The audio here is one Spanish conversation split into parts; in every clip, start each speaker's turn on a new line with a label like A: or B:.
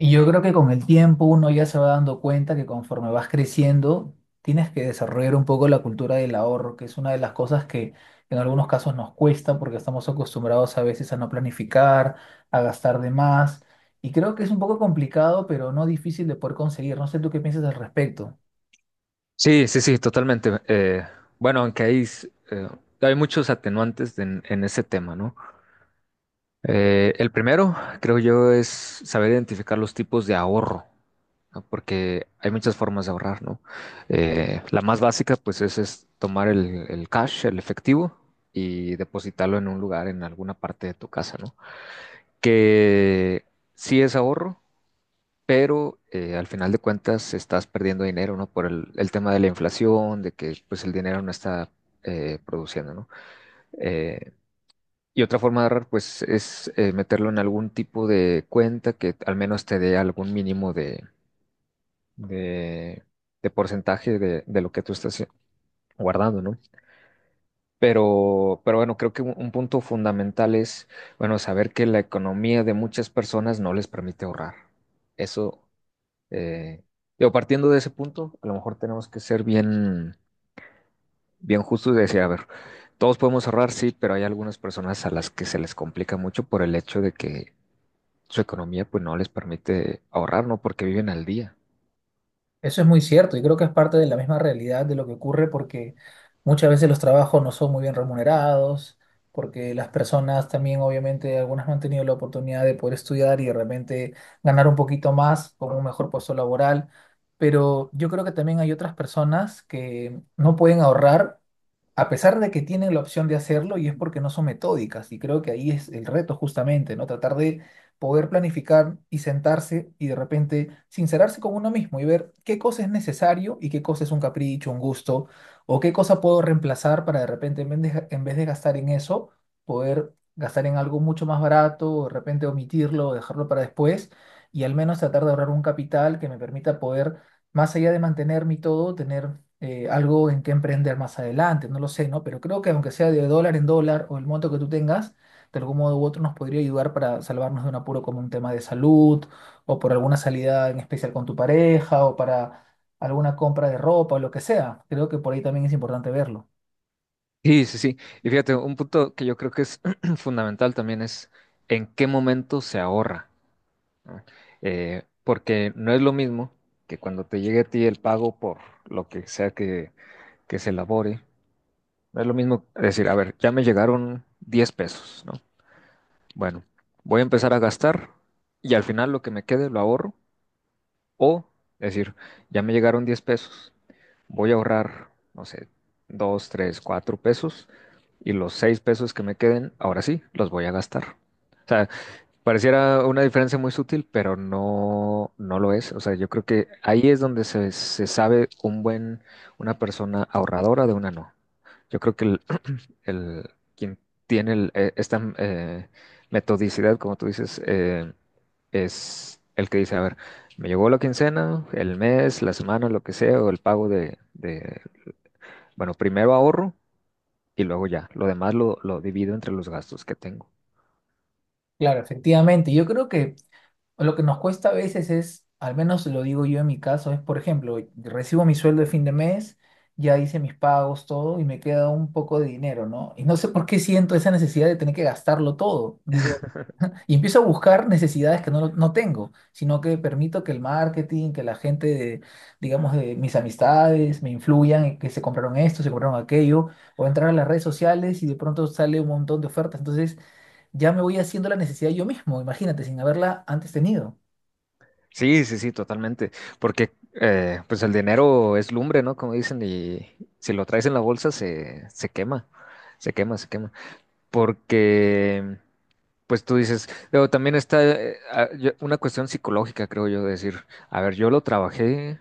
A: Y yo creo que con el tiempo uno ya se va dando cuenta que conforme vas creciendo, tienes que desarrollar un poco la cultura del ahorro, que es una de las cosas que en algunos casos nos cuesta porque estamos acostumbrados a veces a no planificar, a gastar de más. Y creo que es un poco complicado, pero no difícil de poder conseguir. No sé tú qué piensas al respecto.
B: Sí, sí, sí, totalmente. Bueno, aunque hay muchos atenuantes en ese tema, ¿no? El primero, creo yo, es saber identificar los tipos de ahorro, ¿no? Porque hay muchas formas de ahorrar, ¿no? La más básica, pues, es tomar el cash, el efectivo, y depositarlo en un lugar, en alguna parte de tu casa, ¿no? Que sí es ahorro, pero al final de cuentas estás perdiendo dinero, ¿no? Por el tema de la inflación, de que pues el dinero no está produciendo, ¿no? Eh, y otra forma de ahorrar, pues, es meterlo en algún tipo de cuenta que al menos te dé algún mínimo de, de porcentaje de lo que tú estás guardando, ¿no? Pero bueno, creo que un punto fundamental es, bueno, saber que la economía de muchas personas no les permite ahorrar. Eso. Eh, digo, partiendo de ese punto, a lo mejor tenemos que ser bien, bien justos y decir, a ver, todos podemos ahorrar, sí, pero hay algunas personas a las que se les complica mucho por el hecho de que su economía pues no les permite ahorrar, ¿no? Porque viven al día.
A: Eso es muy cierto y creo que es parte de la misma realidad de lo que ocurre porque muchas veces los trabajos no son muy bien remunerados, porque las personas también obviamente algunas no han tenido la oportunidad de poder estudiar y de repente ganar un poquito más con un mejor puesto laboral, pero yo creo que también hay otras personas que no pueden ahorrar a pesar de que tienen la opción de hacerlo y es porque no son metódicas y creo que ahí es el reto justamente, ¿no? Tratar de poder planificar y sentarse y de repente sincerarse con uno mismo y ver qué cosa es necesario y qué cosa es un capricho, un gusto, o qué cosa puedo reemplazar para de repente en vez de gastar en eso, poder gastar en algo mucho más barato, o de repente omitirlo, o dejarlo para después y al menos tratar de ahorrar un capital que me permita poder, más allá de mantener mi todo, tener algo en que emprender más adelante, no lo sé, ¿no? Pero creo que aunque sea de dólar en dólar o el monto que tú tengas, de algún modo u otro nos podría ayudar para salvarnos de un apuro como un tema de salud o por alguna salida en especial con tu pareja o para alguna compra de ropa o lo que sea. Creo que por ahí también es importante verlo.
B: Sí, sí, sí. Y fíjate, un punto que yo creo que es fundamental también es en qué momento se ahorra, ¿no? Porque no es lo mismo que cuando te llegue a ti el pago por lo que sea que se elabore. No es lo mismo decir, a ver, ya me llegaron 10 pesos, ¿no? Bueno, voy a empezar a gastar y al final lo que me quede lo ahorro. O decir, ya me llegaron 10 pesos, voy a ahorrar, no sé, 2 3 4 pesos y los 6 pesos que me queden, ahora sí, los voy a gastar. O sea, pareciera una diferencia muy sutil, pero no, no lo es. O sea, yo creo que ahí es donde se sabe una persona ahorradora de una no. Yo creo que el, quien tiene esta metodicidad, como tú dices, es el que dice, a ver, me llegó la quincena, el mes, la semana, lo que sea, o el pago bueno, primero ahorro y luego ya, lo demás lo divido entre los gastos que tengo.
A: Claro, efectivamente. Yo creo que lo que nos cuesta a veces es, al menos lo digo yo en mi caso, es, por ejemplo, recibo mi sueldo de fin de mes, ya hice mis pagos, todo, y me queda un poco de dinero, ¿no? Y no sé por qué siento esa necesidad de tener que gastarlo todo. Digo, y empiezo a buscar necesidades que no tengo, sino que permito que el marketing, que la gente de, digamos, de mis amistades me influyan, en que se compraron esto, se compraron aquello, o entrar a las redes sociales y de pronto sale un montón de ofertas. Entonces ya me voy haciendo la necesidad yo mismo, imagínate, sin haberla antes tenido.
B: Sí, sí, sí, totalmente, porque pues el dinero es lumbre, ¿no? Como dicen, y si lo traes en la bolsa se quema, se quema, se quema, porque. Pues tú dices, pero también está una cuestión psicológica, creo yo, de decir, a ver, yo lo trabajé,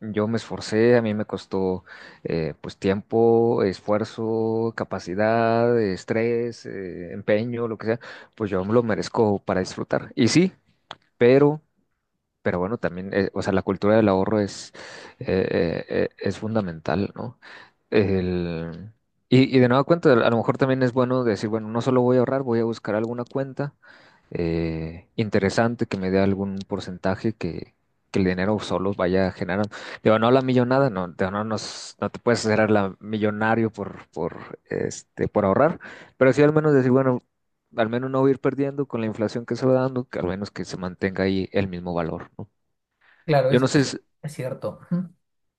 B: yo me esforcé, a mí me costó pues tiempo, esfuerzo, capacidad, estrés, empeño, lo que sea, pues yo me lo merezco para disfrutar. Y sí, pero, pero bueno, también, o sea, la cultura del ahorro es fundamental, ¿no? El, y de nueva cuenta, a lo mejor también es bueno decir, bueno, no solo voy a ahorrar, voy a buscar alguna cuenta interesante que me dé algún porcentaje que el dinero solo vaya generando. Digo, no la millonada, no, digo, no, no te puedes hacer la millonario por ahorrar, pero sí al menos decir, bueno, al menos no voy a ir perdiendo con la inflación que se va dando, que al menos que se mantenga ahí el mismo valor, ¿no?
A: Claro,
B: Yo no sé, si-
A: es cierto. Ujú.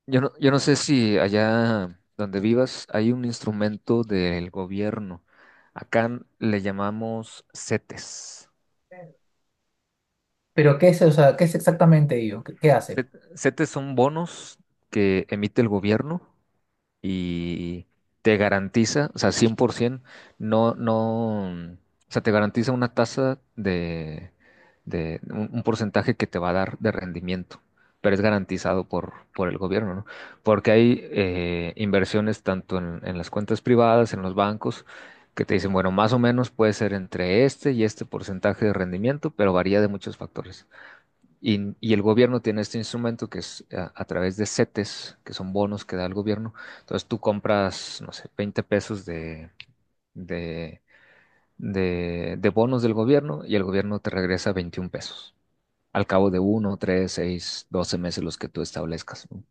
B: yo no sé si allá donde vivas hay un instrumento del gobierno. Acá le llamamos CETES.
A: Pero ¿qué es, o sea, qué es exactamente ello? ¿Qué, qué hace?
B: Set- CETES son bonos que emite el gobierno y te garantiza, o sea, 100%, no, no, o sea, te garantiza una tasa de un porcentaje que te va a dar de rendimiento, pero es garantizado por el gobierno, ¿no? Porque hay inversiones tanto en las cuentas privadas, en los bancos, que te dicen, bueno, más o menos puede ser entre este y este porcentaje de rendimiento, pero varía de muchos factores. Y el gobierno tiene este instrumento que es a través de CETES, que son bonos que da el gobierno. Entonces tú compras, no sé, 20 pesos de, de bonos del gobierno y el gobierno te regresa 21 pesos al cabo de 1, 3, 6, 12 meses los que tú establezcas, ¿no?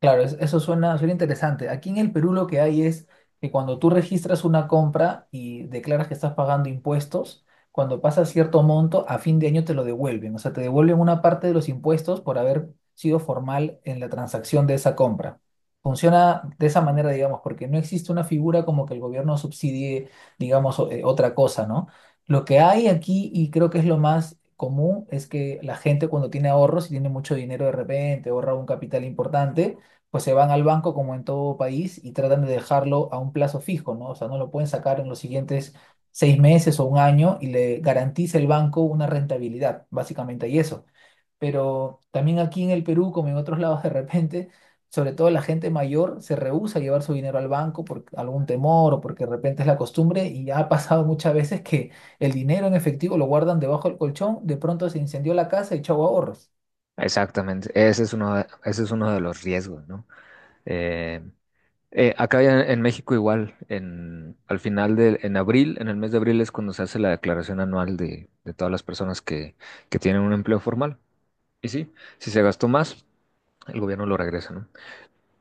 A: Claro, es- eso suena, suena interesante. Aquí en el Perú lo que hay es que cuando tú registras una compra y declaras que estás pagando impuestos, cuando pasa cierto monto, a fin de año te lo devuelven. O sea, te devuelven una parte de los impuestos por haber sido formal en la transacción de esa compra. Funciona de esa manera, digamos, porque no existe una figura como que el gobierno subsidie, digamos, o- otra cosa, ¿no? Lo que hay aquí, y creo que es lo más común, es que la gente cuando tiene ahorros y tiene mucho dinero de repente, ahorra un capital importante, pues se van al banco como en todo país y tratan de dejarlo a un plazo fijo, ¿no? O sea, no lo pueden sacar en los siguientes seis meses o un año y le garantiza el banco una rentabilidad, básicamente, y eso. Pero también aquí en el Perú, como en otros lados, de repente, sobre todo la gente mayor se rehúsa a llevar su dinero al banco por algún temor o porque de repente es la costumbre y ha pasado muchas veces que el dinero en efectivo lo guardan debajo del colchón, de pronto se incendió la casa y chau ahorros.
B: Exactamente, ese es uno de los riesgos, ¿no? Eh, acá ya en México igual, en, al final de, en abril, en el mes de abril es cuando se hace la declaración anual de todas las personas que tienen un empleo formal. Y sí, si se gastó más, el gobierno lo regresa, ¿no?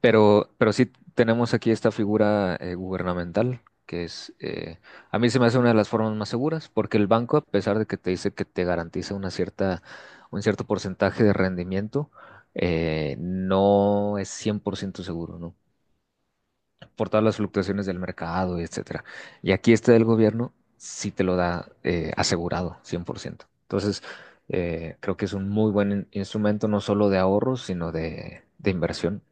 B: Pero sí tenemos aquí esta figura gubernamental, a mí se me hace una de las formas más seguras, porque el banco, a pesar de que te dice que te garantiza un cierto porcentaje de rendimiento, no es 100% seguro, ¿no? Por todas las fluctuaciones del mercado, etcétera. Y aquí este del gobierno sí te lo da asegurado, 100%. Entonces, creo que es un muy buen instrumento, no solo de ahorro, sino de inversión.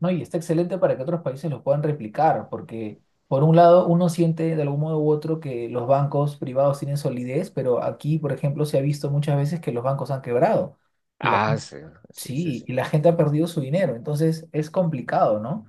A: No, y está excelente para que otros países lo puedan replicar, porque por un lado uno siente de algún modo u otro que los bancos privados tienen solidez, pero aquí, por ejemplo, se ha visto muchas veces que los bancos han quebrado y la
B: Ah,
A: gente.
B: sí, sí, sí,
A: Sí,
B: sí.
A: y la gente ha perdido su dinero, entonces es complicado, ¿no?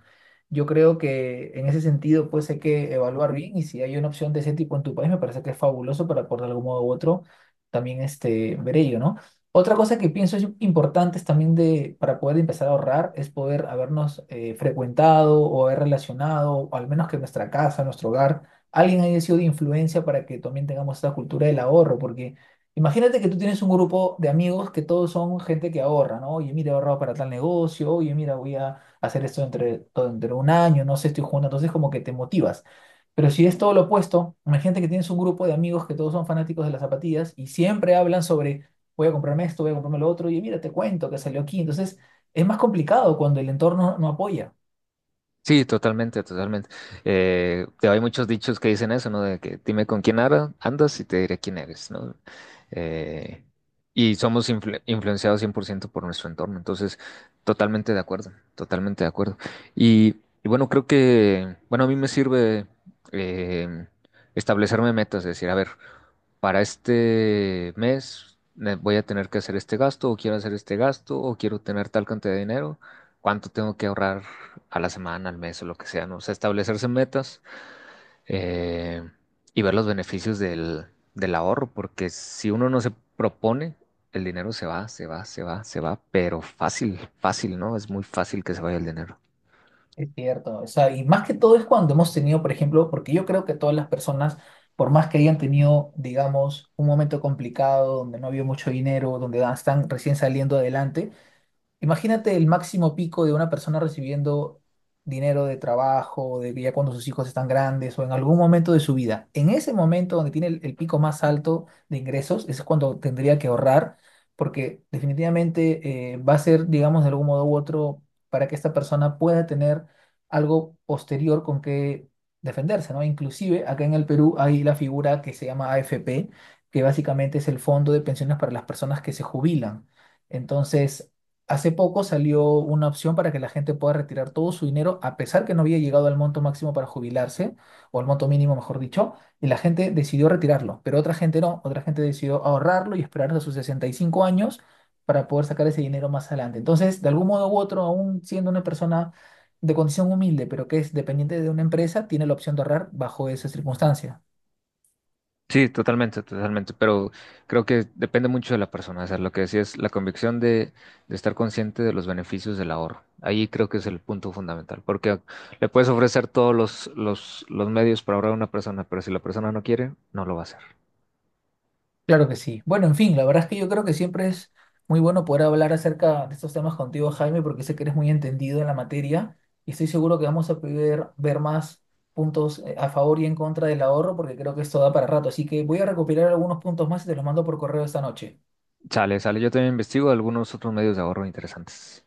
A: Yo creo que en ese sentido, pues hay que evaluar bien y si hay una opción de ese tipo en tu país, me parece que es fabuloso para por de algún modo u otro también este, ver ello, ¿no? Otra cosa que pienso es importante es también de, para poder empezar a ahorrar es poder habernos frecuentado o haber relacionado, o al menos que nuestra casa, nuestro hogar, alguien haya sido de influencia para que también tengamos esta cultura del ahorro, porque... Imagínate que tú tienes un grupo de amigos que todos son gente que ahorra, ¿no? Oye, mira, he ahorrado para tal negocio, oye, mira, voy a hacer esto entre, todo entre un año, no sé, estoy jugando, entonces como que te motivas. Pero si es todo lo opuesto, imagínate que tienes un grupo de amigos que todos son fanáticos de las zapatillas y siempre hablan sobre, voy a comprarme esto, voy a comprarme lo otro, y mira, te cuento que salió aquí. Entonces, es más complicado cuando el entorno no apoya.
B: Sí, totalmente, totalmente. Hay muchos dichos que dicen eso, ¿no? De que dime con quién andas y te diré quién eres, ¿no? Eh, y somos influenciados 100% por ciento por nuestro entorno, entonces totalmente de acuerdo, totalmente de acuerdo. Y, y bueno, creo que, bueno, a mí me sirve eh, establecerme metas, decir, a ver, para este mes me voy a tener que hacer este gasto, o quiero hacer este gasto, o quiero tener tal cantidad de dinero, cuánto tengo que ahorrar a la semana, al mes o lo que sea, ¿no? O sea, establecerse metas eh, y ver los beneficios del ahorro, porque si uno no se propone, el dinero se va, se va, se va, se va, pero fácil, fácil, ¿no? Es muy fácil que se vaya el dinero.
A: Es cierto, o sea, y más que todo es cuando hemos tenido, por ejemplo, porque yo creo que todas las personas, por más que hayan tenido, digamos, un momento complicado donde no había mucho dinero, donde están recién saliendo adelante. Imagínate el máximo pico de una persona recibiendo dinero de trabajo, de ya cuando sus hijos están grandes o en algún momento de su vida. En ese momento donde tiene el pico más alto de ingresos, ese es cuando tendría que ahorrar, porque definitivamente va a ser, digamos, de algún modo u otro, para que esta persona pueda tener algo posterior con que defenderse, ¿no? Inclusive acá en el Perú hay la figura que se llama AFP, que básicamente es el Fondo de Pensiones para las Personas que se Jubilan. Entonces, hace poco salió una opción para que la gente pueda retirar todo su dinero, a pesar que no había llegado al monto máximo para jubilarse, o al monto mínimo, mejor dicho, y la gente decidió retirarlo, pero otra gente no, otra gente decidió ahorrarlo y esperar hasta sus 65 años para poder sacar ese dinero más adelante. Entonces, de algún modo u otro, aún siendo una persona de condición humilde, pero que es dependiente de una empresa, tiene la opción de ahorrar bajo esa circunstancia.
B: Sí, totalmente, totalmente, pero creo que depende mucho de la persona, o sea, lo que decía es la convicción de estar consciente de los beneficios del ahorro. Ahí creo que es el punto fundamental, porque le puedes ofrecer todos los medios para ahorrar a una persona, pero si la persona no quiere, no lo va a hacer.
A: Claro que sí. Bueno, en fin, la verdad es que yo creo que siempre es muy bueno poder hablar acerca de estos temas contigo, Jaime, porque sé que eres muy entendido en la materia y estoy seguro que vamos a poder ver más puntos a favor y en contra del ahorro, porque creo que esto da para rato. Así que voy a recopilar algunos puntos más y te los mando por correo esta noche.
B: Sale, sale, yo también investigo algunos otros medios de ahorro interesantes.